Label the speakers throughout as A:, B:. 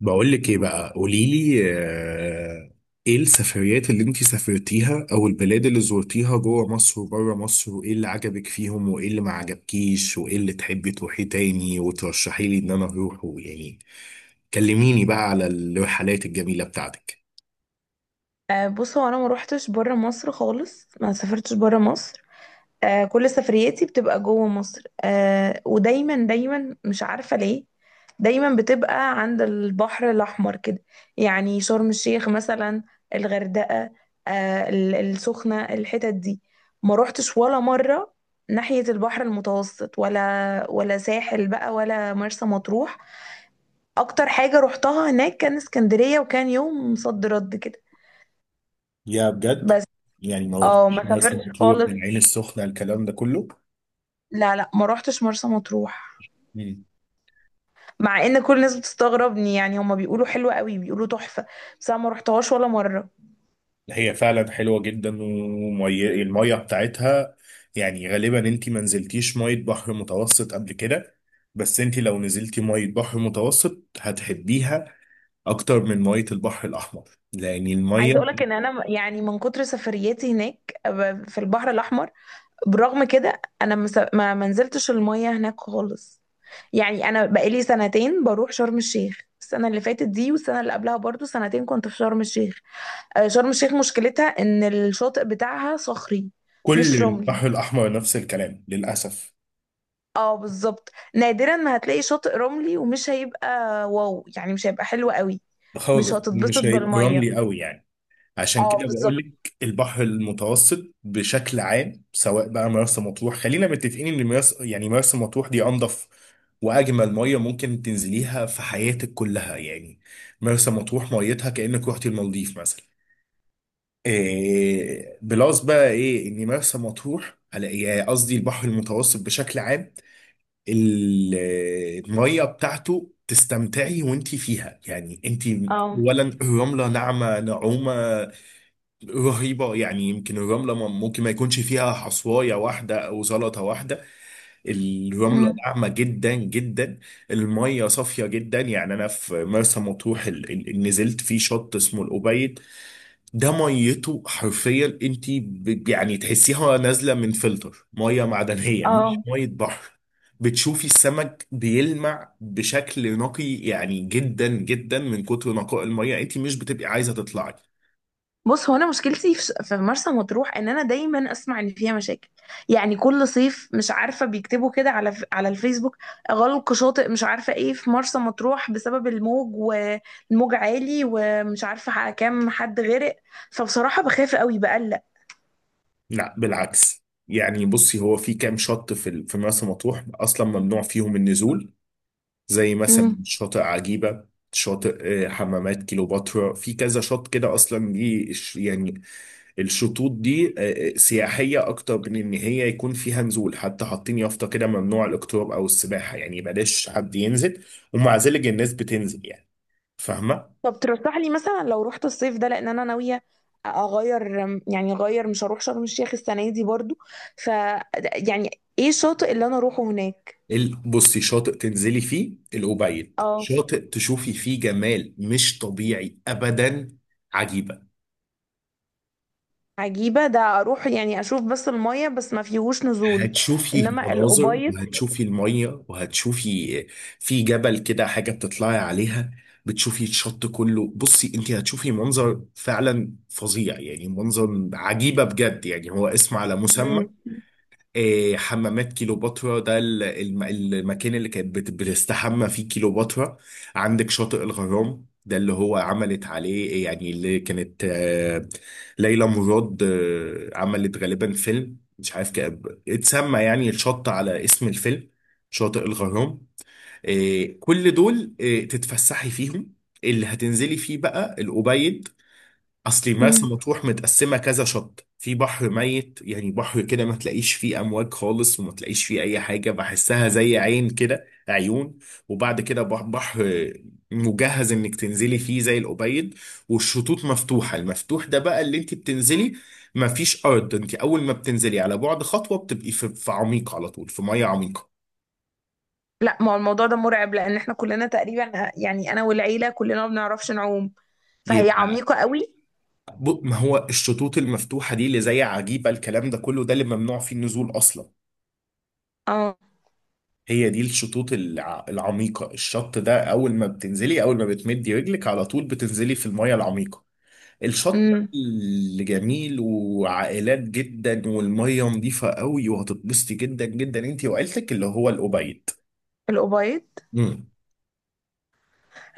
A: بقول لك ايه بقى قولي لي ايه السفريات اللي انت سافرتيها او البلاد اللي زرتيها جوه مصر وبره مصر، وايه اللي عجبك فيهم وايه اللي ما عجبكيش وايه اللي تحبي تروحي تاني وترشحي لي ان انا اروحه يعني. كلميني بقى على الرحلات الجميلة بتاعتك.
B: بص هو انا ما روحتش بره مصر خالص، ما سافرتش بره مصر. كل سفرياتي بتبقى جوه مصر. ودايما دايما مش عارفة ليه. دايما بتبقى عند البحر الأحمر كده. يعني شرم الشيخ مثلا، الغردقة، السخنة، الحتت دي ما روحتش ولا مرة. ناحية البحر المتوسط ولا ساحل بقى، ولا مرسى مطروح. أكتر حاجة روحتها هناك كان اسكندرية، وكان يوم صد رد كده
A: يا بجد.
B: بس.
A: يعني ما
B: اه،
A: رحتش
B: ما
A: مرسى
B: سافرتش
A: مطروح،
B: خالص،
A: العين السخنة، الكلام ده كله.
B: لا لا، ما روحتش مرسى مطروح. مع ان كل الناس بتستغربني. يعني هما بيقولوا حلوة قوي، بيقولوا تحفة. بس انا ما روحتهاش ولا مرة.
A: هي فعلا حلوه جدا والميه بتاعتها. يعني غالبا انت ما نزلتيش ميه بحر متوسط قبل كده، بس انت لو نزلتي ميه بحر متوسط هتحبيها اكتر من ميه البحر الاحمر، لان الميه،
B: عايزة اقولك ان انا يعني من كتر سفرياتي هناك في البحر الاحمر، برغم كده انا ما منزلتش المية هناك خالص. يعني انا بقالي 2 سنين شرم الشيخ. السنة اللي فاتت دي والسنة اللي قبلها برضو 2 سنين كنت في شرم الشيخ. شرم الشيخ مشكلتها ان الشاطئ بتاعها صخري، مش
A: كل
B: رملي.
A: البحر الاحمر نفس الكلام للاسف.
B: اه بالظبط، نادرا ما هتلاقي شاطئ رملي. ومش هيبقى واو، يعني مش هيبقى حلو قوي. مش
A: خالص
B: هتتبسط
A: مش هيبقى
B: بالميه.
A: رملي قوي يعني. عشان
B: اه
A: كده بقول
B: بالظبط.
A: لك البحر المتوسط بشكل عام، سواء بقى مرسى مطروح، خلينا متفقين ان مرسى، يعني مرسى مطروح دي انضف واجمل ميه ممكن تنزليها في حياتك كلها يعني. مرسى مطروح ميتها كانك رحتي المالديف مثلا. إيه بلس بقى ايه ان مرسى مطروح على إيه؟ يعني قصدي البحر المتوسط بشكل عام. ال- الميه بتاعته تستمتعي وانتي فيها، يعني انتي
B: اه.
A: اولا الرمله ناعمه نعومه رهيبة يعني، يمكن الرملة ممكن ما يكونش فيها حصواية واحدة أو زلطة واحدة. الرملة
B: مم.
A: ناعمة جدا جدا. المية صافية جدا. يعني أنا في مرسى مطروح نزلت في شط اسمه الأبيض. ده ميته حرفيا أنت يعني تحسيها نازلة من فلتر مية معدنية مش
B: اه،
A: مية بحر. بتشوفي السمك بيلمع بشكل نقي، يعني جدا جدا من كتر نقاء المية انت مش بتبقي عايزة تطلعي.
B: بص هو انا مشكلتي في مرسى مطروح ان انا دايما اسمع ان فيها مشاكل. يعني كل صيف مش عارفه بيكتبوا كده على الفيسبوك: غلق شاطئ مش عارفه ايه في مرسى مطروح بسبب الموج، والموج عالي، ومش عارفه كام حد غرق. فبصراحه بخاف قوي، بقلق.
A: لا بالعكس، يعني بصي، هو في كام شط في مرسى مطروح اصلا ممنوع فيهم النزول، زي مثلا شاطئ عجيبة، شاطئ حمامات كيلوباترا، في كذا شط كده اصلا، دي يعني الشطوط دي سياحية اكتر من ان هي يكون فيها نزول، حتى حاطين يافطة كده ممنوع الاقتراب او السباحة، يعني بلاش حد ينزل، ومع ذلك الناس بتنزل يعني. فاهمة؟
B: طب ترشح لي مثلا لو رحت الصيف ده، لان انا ناويه اغير. يعني اغير، مش هروح شرم الشيخ السنه دي برضو. ف يعني ايه الشاطئ اللي انا اروحه هناك؟
A: بصي، شاطئ تنزلي فيه الأوبيد،
B: اه.
A: شاطئ تشوفي فيه جمال مش طبيعي أبدا. عجيبة،
B: عجيبه ده اروح يعني اشوف بس الميه، بس ما فيهوش نزول.
A: هتشوفي
B: انما
A: مناظر
B: الابيض.
A: وهتشوفي المية وهتشوفي في جبل كده حاجة بتطلعي عليها، بتشوفي الشط كله. بصي انت هتشوفي منظر فعلا فظيع، يعني منظر عجيبة بجد، يعني هو اسم على مسمى.
B: مم.
A: حمامات كيلوباترا ده المكان اللي كانت بتستحمى فيه كيلوباترا. عندك شاطئ الغرام، ده اللي هو عملت عليه يعني، اللي كانت ليلى مراد عملت غالبا فيلم مش عارف اتسمى يعني الشط على اسم الفيلم، شاطئ الغرام. كل دول تتفسحي فيهم. اللي هتنزلي فيه بقى الأوبيد. اصلي مرسى
B: مم.
A: مطروح متقسمه كذا شط، في بحر ميت يعني بحر كده ما تلاقيش فيه امواج خالص وما تلاقيش فيه اي حاجه، بحسها زي عين كده، عيون، وبعد كده بحر مجهز انك تنزلي فيه زي الأبيض، والشطوط مفتوحه. المفتوح ده بقى اللي انت بتنزلي، ما فيش ارض، انت اول ما بتنزلي على بعد خطوه بتبقي في عميق على طول، في ميه عميقه.
B: لا، ما هو الموضوع ده مرعب. لان احنا كلنا تقريبا، يعني انا والعيله كلنا ما بنعرفش نعوم، فهي
A: يبقى
B: عميقه قوي.
A: ما هو الشطوط المفتوحه دي اللي زي عجيبه الكلام ده كله، ده اللي ممنوع فيه النزول اصلا.
B: اه.
A: هي دي الشطوط العميقة، الشط ده أول ما بتنزلي، أول ما بتمدي رجلك على طول بتنزلي في المية العميقة. الشط بقى
B: امم.
A: اللي جميل وعائلات جدا والمية نظيفة قوي وهتتبسطي جدا جدا انت وعيلتك، اللي هو الأبيض.
B: الابيض.
A: امم.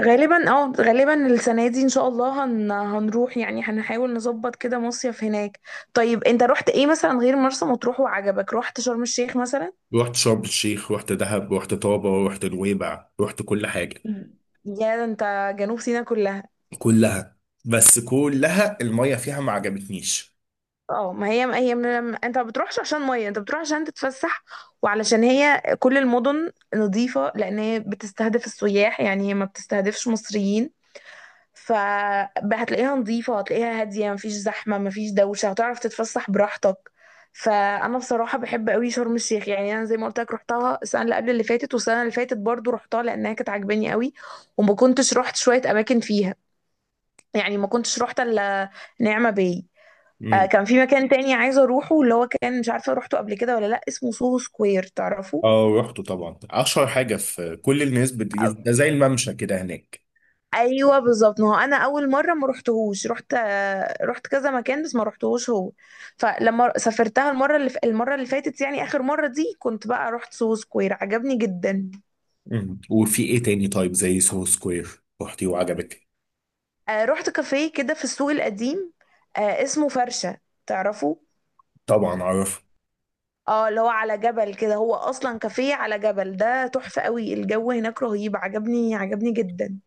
B: غالبا اه، غالبا السنة دي ان شاء الله هنروح، يعني هنحاول نظبط كده مصيف هناك. طيب انت رحت ايه مثلا غير مرسى مطروح وعجبك؟ رحت شرم الشيخ مثلا؟
A: رحت شرم الشيخ، رحت دهب، رحت طابة، رحت نويبع، رحت كل حاجة.
B: يا، ده انت جنوب سيناء كلها.
A: كلها. بس كلها المية فيها ما عجبتنيش.
B: اه، ما هي من انت ما بتروحش عشان ميه، انت بتروح عشان تتفسح. وعلشان هي كل المدن نظيفة، لان هي بتستهدف السياح، يعني هي ما بتستهدفش مصريين. ف هتلاقيها نظيفة، هتلاقيها هادية، مفيش زحمة، مفيش دوشة، هتعرف تتفسح براحتك. فأنا بصراحة بحب قوي شرم الشيخ. يعني أنا زي ما قلت لك، رحتها السنة اللي قبل اللي فاتت، والسنة اللي فاتت برضو رحتها، لأنها كانت عاجباني قوي. وما كنتش رحت شوية أماكن فيها، يعني ما كنتش رحت إلا نعمة باي.
A: امم.
B: كان في مكان تاني عايزة أروحه اللي هو كان مش عارفة روحته قبل كده ولا لأ، اسمه سوهو سكوير، تعرفه؟
A: اه رحت طبعا، اشهر حاجة، في كل الناس ده زي الممشى كده هناك.
B: ايوه بالظبط. ما هو انا اول مره ما رحتهوش. رحت كذا مكان، بس ما رحتهوش هو. فلما سافرتها المره اللي فاتت، يعني اخر مره دي، كنت بقى رحت سو سكوير، عجبني جدا.
A: مم. وفي ايه تاني؟ طيب زي سو سكوير رحتي وعجبك؟
B: آه، رحت كافيه كده في السوق القديم، آه اسمه فرشه، تعرفه؟
A: طبعا اعرف.
B: اه، اللي هو على جبل كده. هو اصلا كافيه على جبل، ده تحفه قوي. الجو هناك رهيب، عجبني عجبني جدا.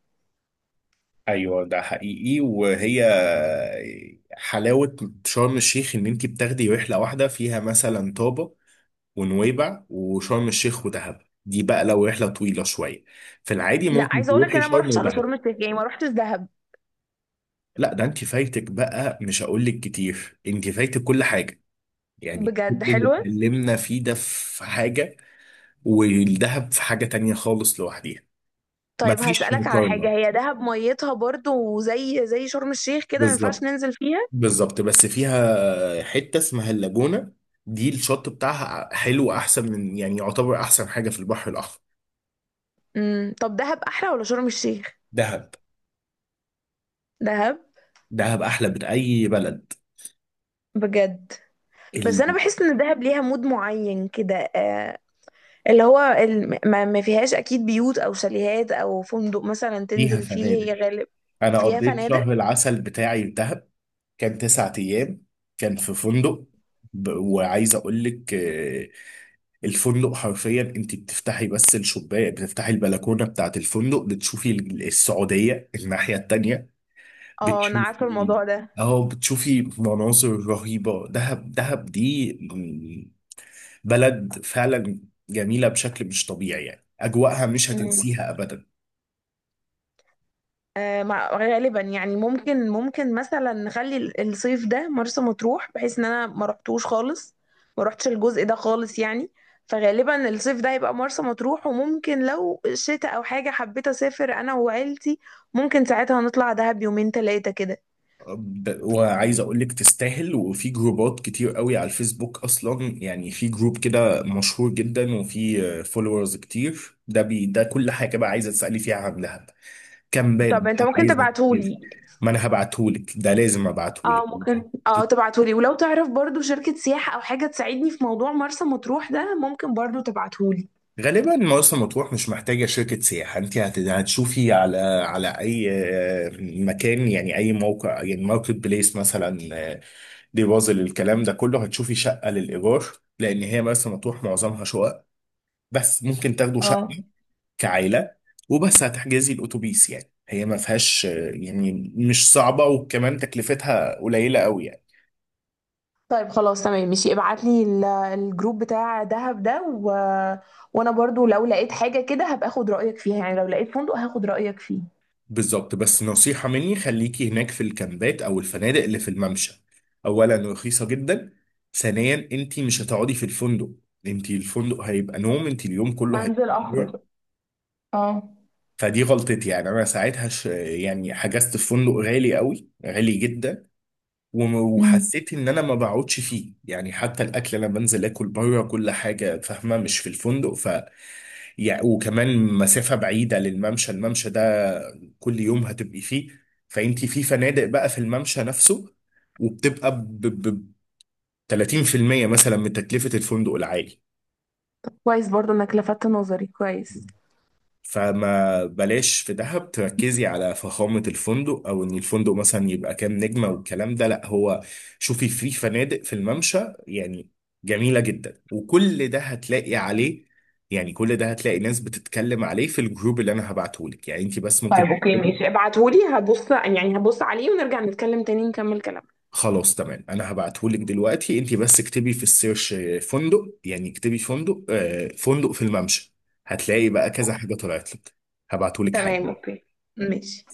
A: ايوه ده حقيقي. وهي حلاوه شرم الشيخ ان انت بتاخدي رحله واحده فيها مثلا طابه ونويبع وشرم الشيخ ودهب، دي بقى لو رحله طويله شويه. في العادي
B: لا،
A: ممكن
B: عايزه اقول لك
A: تروحي
B: انا ما
A: شرم
B: رحتش على
A: ودهب.
B: شرم الشيخ، يعني ما رحتش دهب.
A: لا ده انت فايتك بقى، مش هقول لك كتير، انت فايتك كل حاجه، يعني كل
B: بجد
A: اللي
B: حلوه.
A: اتكلمنا فيه ده في حاجه، والدهب في حاجه تانية خالص لوحديها.
B: طيب
A: مفيش
B: هسألك على حاجة:
A: مقارنه.
B: هي دهب ميتها برضو زي شرم الشيخ كده، ما ينفعش
A: بالظبط.
B: ننزل فيها؟
A: بالظبط، بس فيها حتة اسمها اللاجونة، دي الشط بتاعها حلو، أحسن من، يعني يعتبر أحسن حاجة في البحر الأحمر.
B: امم. طب دهب أحلى ولا شرم الشيخ؟
A: دهب.
B: دهب؟
A: دهب أحلى من أي بلد.
B: بجد؟ بس أنا
A: ال-
B: بحس إن دهب ليها مود معين كده. اللي هو ما فيهاش أكيد بيوت أو شاليهات أو فندق مثلا
A: فيها
B: تنزل فيه،
A: فنادق.
B: هي غالب.
A: أنا
B: فيها
A: قضيت
B: فنادق.
A: شهر العسل بتاعي في دهب، كان 9 أيام، كان في فندق. وعايز أقول لك الفندق حرفيا أنت بتفتحي بس الشباك، بتفتحي البلكونة بتاعت الفندق بتشوفي السعودية الناحية التانية.
B: اه، أنا عارفة
A: بتشوفي،
B: الموضوع ده.
A: اه بتشوفي مناظر رهيبة. دهب، دهب دي بلد فعلا جميلة بشكل مش طبيعي، يعني أجواءها مش
B: مم.
A: هتنسيها أبدا.
B: غالبا يعني، ممكن مثلا نخلي الصيف ده مرسى مطروح، بحيث ان انا ما رحتوش خالص، ما رحتش الجزء ده خالص يعني. فغالبا الصيف ده هيبقى مرسى مطروح، وممكن لو شتاء او حاجه حبيت اسافر انا وعيلتي، ممكن ساعتها نطلع دهب 2 3 أيام كده.
A: وعايز أقولك تستاهل، وفي جروبات كتير قوي على الفيسبوك أصلا. يعني في جروب كده مشهور جدا وفي فولورز كتير، ده بي ده كل حاجة بقى عايزة تسألي فيها عن دهب، كامبات
B: طب انت
A: بقى
B: ممكن
A: عايزة تجيبي.
B: تبعتهولي؟
A: ما أنا هبعتهولك، ده لازم أبعتهولك.
B: اه، ممكن اه تبعتهولي. ولو تعرف برضو شركه سياحه او حاجه تساعدني في موضوع مرسى مطروح ده، ممكن برضو تبعتهولي.
A: غالبا مرسى مطروح مش محتاجة شركة سياحة، انت هتشوفي على اي مكان، يعني اي موقع، يعني ماركت بليس مثلا، ديبوزل، الكلام ده كله هتشوفي شقة للإيجار، لأن هي مرسى مطروح معظمها شقق، بس ممكن تاخدوا
B: اه.
A: شقة كعائلة. وبس هتحجزي الأتوبيس. يعني هي ما فيهاش يعني مش صعبة، وكمان تكلفتها قليلة قوي يعني.
B: طيب خلاص تمام ماشي، ابعت لي الجروب بتاع دهب ده و... وانا برضو لو لقيت حاجة كده هبقى اخد رأيك فيها. يعني لو لقيت فندق هاخد رأيك فيه.
A: بالظبط، بس نصيحة مني، خليكي هناك في الكامبات أو الفنادق اللي في الممشى. أولا رخيصة جدا، ثانيا أنت مش هتقعدي في الفندق، أنت الفندق هيبقى نوم، أنت اليوم كله
B: هنزل
A: هيبقى
B: اخرج.
A: نوم.
B: اه.
A: فدي غلطتي، يعني أنا ساعتها يعني حجزت في فندق غالي قوي، غالي جدا،
B: امم.
A: وحسيت إن أنا ما بقعدش فيه، يعني حتى الأكل أنا بنزل آكل بره كل حاجة، فاهمة، مش في الفندق. يعني وكمان مسافة بعيدة للممشى، الممشى ده كل يوم هتبقي فيه. فانت في فنادق بقى في الممشى نفسه، وبتبقى 30% مثلا من تكلفة الفندق العالي.
B: كويس، برضو انك لفتت نظري، كويس.
A: فما بلاش في دهب تركزي على فخامة الفندق او ان الفندق مثلا يبقى كام نجمة والكلام ده، لا. هو شوفي في فنادق في الممشى، يعني جميلة جدا وكل ده هتلاقي عليه، يعني كل ده هتلاقي ناس بتتكلم عليه في الجروب اللي انا هبعتهولك. يعني انت بس ممكن
B: طيب اوكي
A: تكتبي.
B: ماشي، ابعتهولي، هبص عليه، ونرجع نتكلم تاني نكمل كلامنا.
A: خلاص تمام، انا هبعتهولك دلوقتي، انت بس اكتبي في السيرش فندق، يعني اكتبي فندق فندق في الممشى، هتلاقي بقى كذا حاجة طلعت لك. هبعتهولك
B: تمام،
A: حالا.
B: اوكي، ماشي.